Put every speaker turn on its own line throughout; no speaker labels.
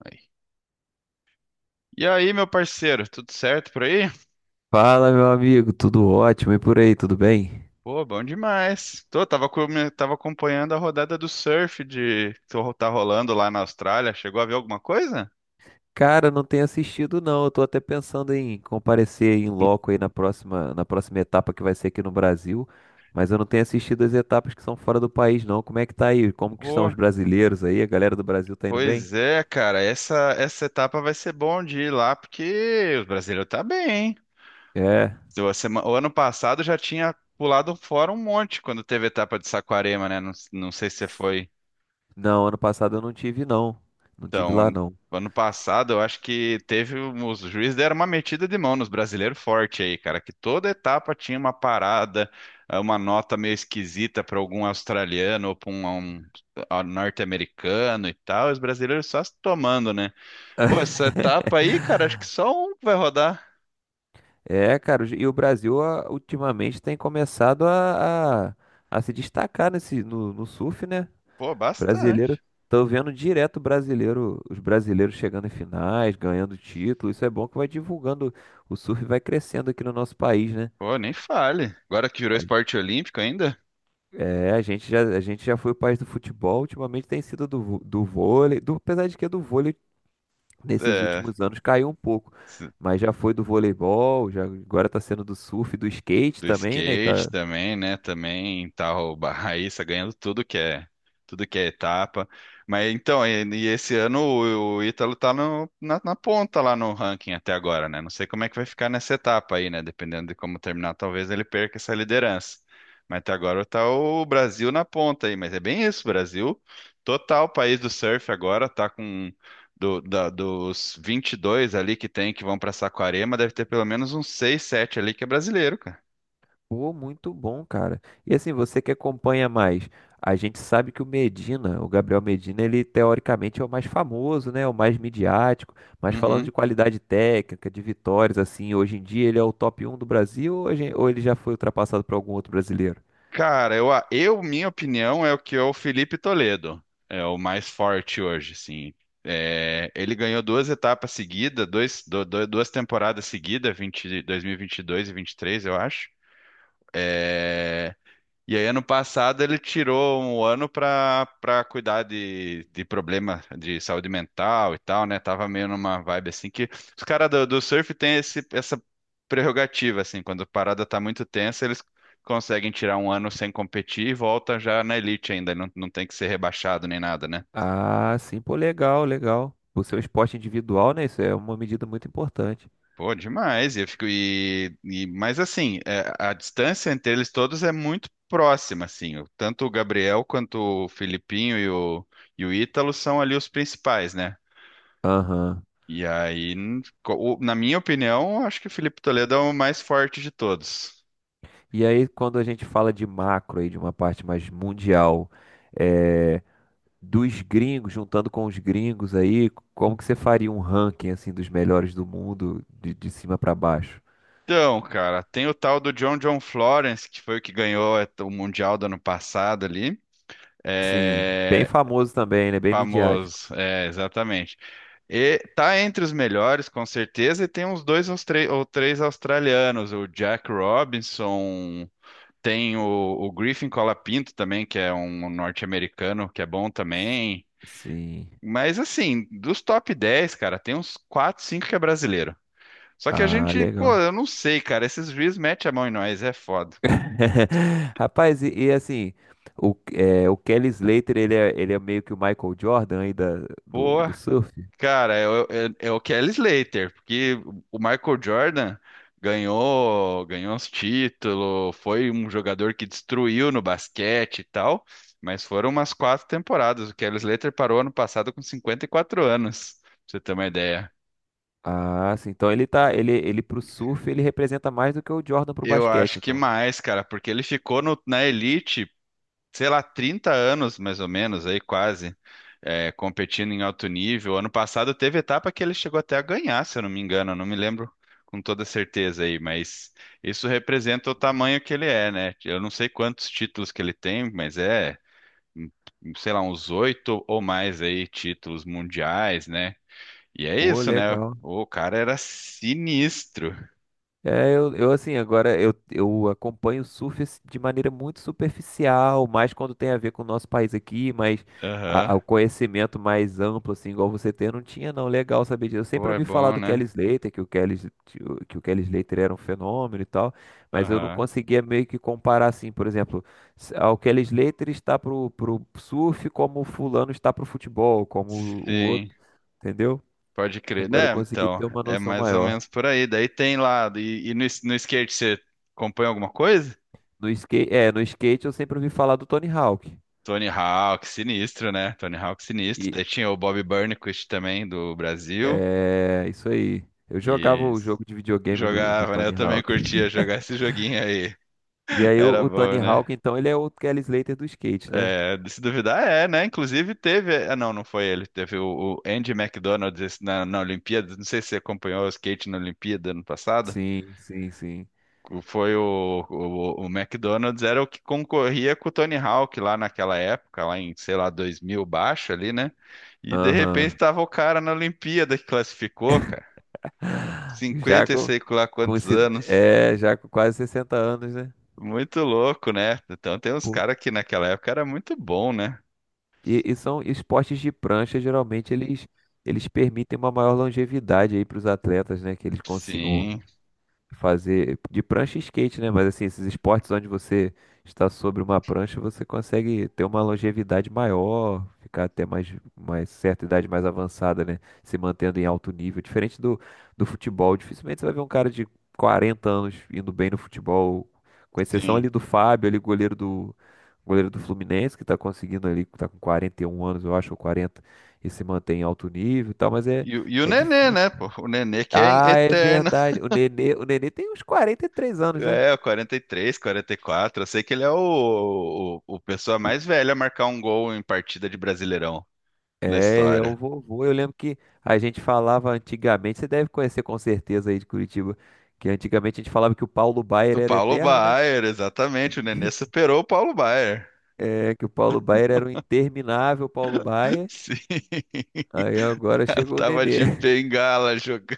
Aí. E aí, meu parceiro, tudo certo por aí?
Fala, meu amigo, tudo ótimo e por aí, tudo bem?
Pô, bom demais. Tava acompanhando a rodada do surf tá rolando lá na Austrália. Chegou a ver alguma coisa?
Cara, não tenho assistido não, eu tô até pensando em comparecer em loco aí na próxima etapa que vai ser aqui no Brasil, mas eu não tenho assistido as etapas que são fora do país não. Como é que tá aí? Como que estão
Pô,
os brasileiros aí? A galera do Brasil tá indo bem?
pois é, cara. Essa etapa vai ser bom de ir lá porque o brasileiro tá bem, hein?
É.
O ano passado já tinha pulado fora um monte quando teve a etapa de Saquarema, né? Não, não sei se você foi.
Não, ano passado eu não tive não. Não tive
Então,
lá
ano,
não.
ano passado eu acho que teve os juízes deram uma metida de mão nos brasileiros forte aí, cara, que toda etapa tinha uma parada, uma nota meio esquisita para algum australiano ou para um norte-americano e tal, os brasileiros só se tomando, né? Pô, essa etapa aí, cara, acho que só um vai rodar.
É, cara, e o Brasil ultimamente tem começado a se destacar nesse, no, no surf, né?
Pô,
Brasileiro,
bastante.
tô vendo direto brasileiro, os brasileiros chegando em finais, ganhando título. Isso é bom que vai divulgando, o surf vai crescendo aqui no nosso país, né?
Pô, nem fale. Agora que virou
A-
esporte olímpico ainda,
É, a gente já foi o país do futebol, ultimamente tem sido do do vôlei, apesar de que do vôlei nesses
é,
últimos anos caiu um pouco, mas já foi do voleibol, já agora tá sendo do surf, do skate
do
também, né,
skate
cara?
também, né? Também tá o Raíssa ganhando tudo que é etapa. Mas então, e esse ano o Ítalo tá na ponta lá no ranking até agora, né? Não sei como é que vai ficar nessa etapa aí, né? Dependendo de como terminar, talvez ele perca essa liderança. Mas até agora tá o Brasil na ponta aí, mas é bem isso, Brasil. Total país do surf agora tá com dos 22 ali que tem que vão pra Saquarema, deve ter pelo menos uns 6 7 ali que é brasileiro.
Pô, muito bom, cara. E assim, você que acompanha mais, a gente sabe que o Gabriel Medina, ele teoricamente é o mais famoso, né? É o mais midiático, mas falando
Uhum.
de qualidade técnica, de vitórias, assim, hoje em dia ele é o top um do Brasil ou ou ele já foi ultrapassado por algum outro brasileiro?
Cara, minha opinião é o que é o Felipe Toledo. É o mais forte hoje, sim. É, ele ganhou duas etapas seguidas, duas temporadas seguidas, 2022 e 22 e 23, eu acho. É, e aí, ano passado, ele tirou um ano para cuidar de problema de saúde mental e tal, né? Tava meio numa vibe assim que os caras do surf têm essa prerrogativa, assim, quando a parada tá muito tensa, eles conseguem tirar um ano sem competir e volta já na elite ainda, não, não tem que ser rebaixado nem nada, né?
Ah, sim, pô, legal, legal. O seu esporte individual, né? Isso é uma medida muito importante.
Pô, demais. E eu fico mas assim, a distância entre eles todos é muito próxima, assim. Tanto o Gabriel quanto o Filipinho e o Ítalo são ali os principais, né?
Aham.
E aí, na minha opinião, eu acho que o Felipe Toledo é o mais forte de todos.
E aí, quando a gente fala de macro aí, de uma parte mais mundial, eh, dos gringos, juntando com os gringos aí, como que você faria um ranking assim dos melhores do mundo de cima pra baixo?
Então, cara, tem o tal do John John Florence, que foi o que ganhou o Mundial do ano passado ali.
Sim, bem
É,
famoso também, né? Bem midiático.
famoso, é, exatamente. E tá entre os melhores, com certeza, e tem uns dois ou três australianos, o Jack Robinson, tem o Griffin Colapinto também, que é um norte-americano, que é bom
S-
também.
Sim.
Mas assim, dos top 10, cara, tem uns 4 5 que é brasileiro. Só que a
Ah,
gente, pô,
legal.
eu não sei, cara, esses juízes metem a mão em nós, é foda.
Rapaz, e assim, o Kelly Slater, ele é meio que o Michael Jordan aí do
Pô.
do surf.
Cara, é o Kelly Slater, porque o Michael Jordan ganhou os títulos, foi um jogador que destruiu no basquete e tal, mas foram umas quatro temporadas. O Kelly Slater parou ano passado com 54 anos, pra você ter uma ideia.
Ah, sim. Então ele tá, ele pro surf, ele representa mais do que o Jordan pro
Eu
basquete,
acho que
então.
mais, cara, porque ele ficou na elite sei lá, 30 anos mais ou menos, aí quase, é, competindo em alto nível. Ano passado teve etapa que ele chegou até a ganhar, se eu não me engano, eu não me lembro com toda certeza aí, mas isso representa o tamanho que ele é, né? Eu não sei quantos títulos que ele tem, mas é, sei lá, uns oito ou mais aí títulos mundiais, né? E é
Pô,
isso, né?
legal.
O cara era sinistro.
É, eu assim, agora eu acompanho o surf assim, de maneira muito superficial, mais quando tem a ver com o nosso país aqui, mas
Aham.
o conhecimento mais amplo, assim, igual você tem, eu não tinha não. Legal saber disso. Eu
Pô,
sempre
é
ouvi falar
bom,
do
né?
Kelly Slater, que o Kelly, S- que o Kelly Slater era um fenômeno e tal, mas eu não
Aham.
conseguia meio que comparar, assim, por exemplo, o Kelly Slater está pro surf como o fulano está pro futebol, como o
Sim.
outro, entendeu?
Pode crer,
Agora eu
né?
consegui
Então,
ter uma
é
noção
mais ou
maior.
menos por aí. Daí tem lá, no skate você acompanha alguma coisa?
No skate, no skate eu sempre ouvi falar do Tony Hawk.
Tony Hawk, sinistro, né? Tony Hawk, sinistro.
E
Daí tinha o Bob Burnquist também, do Brasil.
é isso aí. Eu jogava
E
o jogo de videogame do
jogava, né? Eu
Tony
também
Hawk.
curtia jogar esse joguinho aí.
E aí
Era
o Tony
bom, né?
Hawk, então, ele é o Kelly Slater do skate, né?
É, de se duvidar, é, né? Inclusive teve. Ah, não, não foi ele. Teve o Andy McDonald esse na Olimpíada. Não sei se você acompanhou o skate na Olimpíada ano passado.
Sim, sim, sim.
Foi o McDonald's era o que concorria com o Tony Hawk lá naquela época, lá em, sei lá, 2000 baixo ali, né? E de repente
Aham.
tava o cara na Olimpíada que classificou, cara.
Já
Cinquenta e sei lá
com
quantos
esse,
anos.
é, já com quase 60 anos, né?
Muito louco, né? Então tem uns
Pô,
caras que naquela época era muito bom, né?
e são esportes de prancha, geralmente eles permitem uma maior longevidade aí para os atletas, né? Que eles consigam
Sim,
fazer de prancha e skate, né? Mas assim, esses esportes onde você está sobre uma prancha, você consegue ter uma longevidade maior, ficar mais certa idade mais avançada, né? Se mantendo em alto nível. Diferente do futebol, dificilmente você vai ver um cara de 40 anos indo bem no futebol, com exceção
sim.
ali do Fábio, ali goleiro do Fluminense, que está conseguindo ali, tá com 41 anos, eu acho, ou 40 e se mantém em alto nível e tal, mas é,
E o
é
Nenê,
difícil.
né, pô? O Nenê que é
Ah, é
eterno.
verdade. O Nenê tem uns 43 anos, né?
É, o 43, 44, eu sei que ele é o pessoa
O-
mais velha a marcar um gol em partida de Brasileirão na
É, ele é o
história.
vovô. Eu lembro que a gente falava antigamente, você deve conhecer com certeza aí de Curitiba, que antigamente a gente falava que o Paulo Baier
O
era
Paulo
eterno, né?
Baier, exatamente. O Nenê superou o Paulo Baier.
É, que o Paulo Baier era um interminável Paulo Baier.
Sim.
Aí
O
agora
cara
chegou o
tava
Nenê.
de bengala jogando.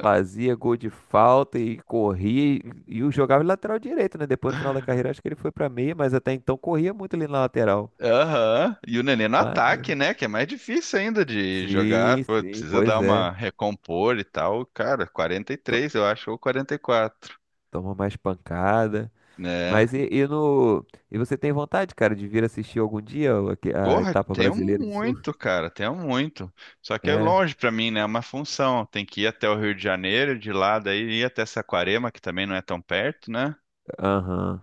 Fazia gol de falta e corria e o jogava de lateral direito, né? Depois no final da carreira acho que ele foi pra meia, mas até então corria muito ali na lateral.
Aham. E o Nenê no ataque,
Maneiro.
né? Que é mais difícil ainda de jogar.
Sim,
Pô,
sim,
precisa dar
pois é.
uma recompor e tal. Cara, 43 eu acho, ou 44,
Toma mais pancada.
né?
Mas e no e você tem vontade, cara, de vir assistir algum dia a
Porra,
etapa
tenho
brasileira de surf?
muito, cara, tenho muito. Só que é
É,
longe pra mim, né? É uma função. Tem que ir até o Rio de Janeiro, de lá, daí ir até Saquarema, que também não é tão perto, né?
aham.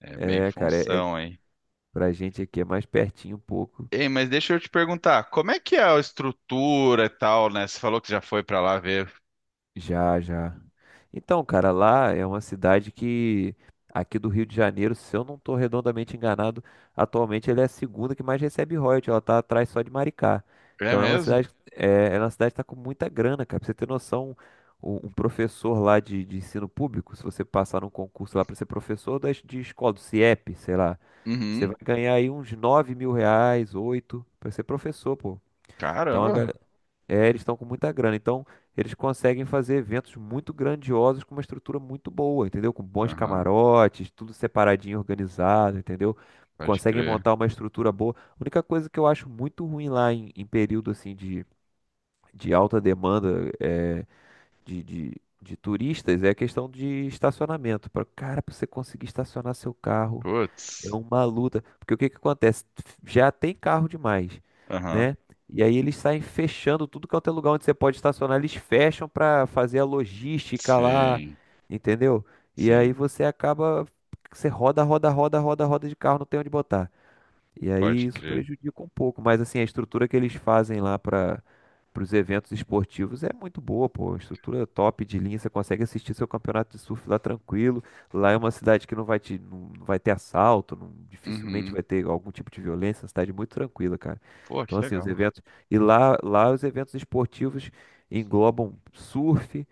É bem
É, cara,
função, hein?
pra gente aqui é mais pertinho um pouco.
Ei, mas deixa eu te perguntar, como é que é a estrutura e tal, né? Você falou que já foi pra lá ver.
Já, já. Então, cara, lá é uma cidade que aqui do Rio de Janeiro, se eu não estou redondamente enganado, atualmente ela é a segunda que mais recebe royalties, ela tá atrás só de Maricá.
É
Então é uma
mesmo?
cidade, é uma cidade que tá com muita grana, cara. Pra você ter noção, um professor lá de ensino público, se você passar num concurso lá para ser professor de escola, do CIEP, sei lá, você
Uhum.
vai ganhar aí uns 9.000 reais, 8 para ser professor, pô. Então
Caramba.
eles estão com muita grana, então eles conseguem fazer eventos muito grandiosos com uma estrutura muito boa, entendeu? Com bons
Aham,
camarotes, tudo separadinho, organizado, entendeu?
pode
Conseguem
crer.
montar uma estrutura boa. A única coisa que eu acho muito ruim lá em período assim de alta demanda de turistas é a questão de estacionamento. Para você conseguir estacionar seu carro é
Putz.
uma luta, porque o que que acontece? Já tem carro demais,
Aham.
né? E aí eles saem fechando tudo quanto é lugar onde você pode estacionar, eles fecham para fazer a logística lá,
Sim,
entendeu? E aí
sim,
você acaba, você roda de carro, não tem onde botar. E aí
pode
isso
crer.
prejudica um pouco, mas assim, a estrutura que eles fazem lá para os eventos esportivos é muito boa, pô. Estrutura é top de linha, você consegue assistir seu campeonato de surf lá tranquilo. Lá é uma cidade que não vai te, não vai ter assalto, dificilmente
Uhum.
vai ter algum tipo de violência, é uma cidade muito tranquila, cara.
Pô,
Então,
que
assim, os
legal.
eventos. E lá os eventos esportivos englobam surf,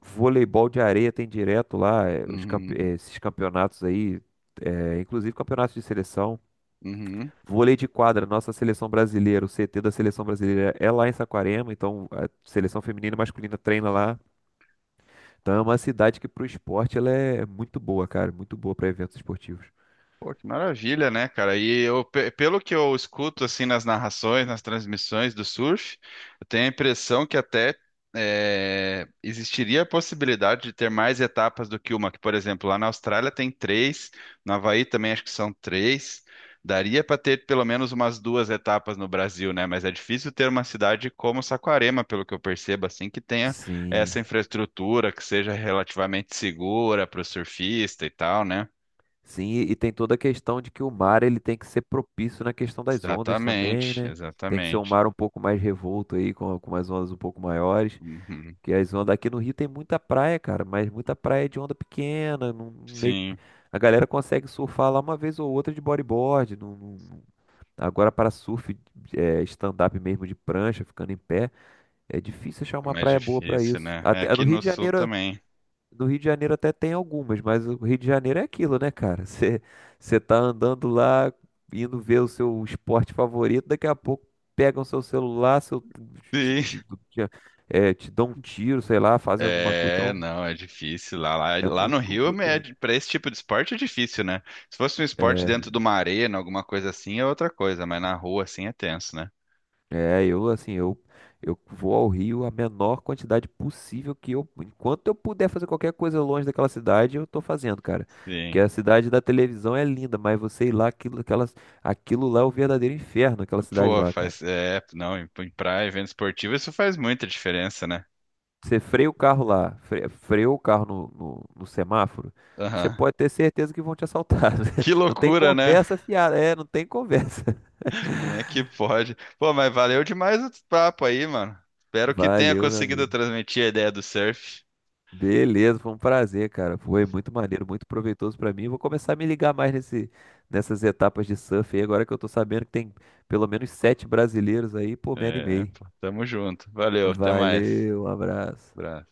voleibol de areia tem direto lá,
Uhum.
esses campeonatos aí, inclusive campeonatos de seleção.
Uhum.
Vôlei de quadra, nossa seleção brasileira, o CT da seleção brasileira é lá em Saquarema, então a seleção feminina e masculina treina lá. Então é uma cidade que pro esporte ela é muito boa, cara, muito boa para eventos esportivos.
Pô, que maravilha, né, cara? E eu, pelo que eu escuto assim nas narrações, nas transmissões do surf, eu tenho a impressão que até existiria a possibilidade de ter mais etapas do que uma, que, por exemplo, lá na Austrália tem três, no Havaí também acho que são três. Daria para ter pelo menos umas duas etapas no Brasil, né? Mas é difícil ter uma cidade como Saquarema, pelo que eu percebo, assim, que tenha essa
Sim.
infraestrutura que seja relativamente segura para o surfista e tal, né?
Sim, e tem toda a questão de que o mar ele tem que ser propício na questão das ondas também,
Exatamente,
né? Tem que ser um
exatamente.
mar um pouco mais revolto aí, com umas ondas um pouco maiores.
Uhum.
Que as ondas aqui no Rio tem muita praia, cara, mas muita praia de onda pequena, não, meio...
Sim,
A galera consegue surfar lá uma vez ou outra de bodyboard, agora para surf, é, stand-up mesmo de prancha, ficando em pé, é difícil achar
é
uma
mais
praia boa para
difícil,
isso.
né? É
Até, no
aqui
Rio
no
de
sul
Janeiro
também.
no Rio de Janeiro até tem algumas, mas o Rio de Janeiro é aquilo, né, cara? Você tá andando lá, indo ver o seu esporte favorito, daqui a pouco pegam seu celular, seu, te,
Sim.
te- te- é, te dão um tiro, sei lá, fazem alguma coisa.
É,
Então,
não, é difícil. Lá, lá,
é
lá no
muito
Rio, é,
complicado.
para esse tipo de esporte é difícil, né? Se fosse um esporte
É,
dentro de uma arena, alguma coisa assim, é outra coisa, mas na rua, assim, é tenso, né?
é, eu assim, eu vou ao Rio a menor quantidade possível que eu, enquanto eu puder fazer qualquer coisa longe daquela cidade, eu tô fazendo, cara. Porque
Sim.
a cidade da televisão é linda, mas você ir lá, aquilo lá é o verdadeiro inferno, aquela cidade
Pô,
lá, cara.
faz. É, não, em praia, evento esportivo, isso faz muita diferença, né?
Você freia o carro lá, freou o carro no semáforo, você
Aham.
pode ter certeza que vão te assaltar.
Que
Não tem
loucura, né?
conversa fiada, é, não tem conversa.
Como é que pode? Pô, mas valeu demais o papo aí, mano. Espero que tenha
Valeu, meu
conseguido
amigo.
transmitir a ideia do surf.
Beleza, foi um prazer, cara. Foi muito maneiro, muito proveitoso pra mim. Vou começar a me ligar mais nessas etapas de surf aí. Agora que eu tô sabendo que tem pelo menos 7 brasileiros aí, pô, me
É,
animei.
pô, tamo junto. Valeu, até mais.
Valeu, um abraço.
Abraço.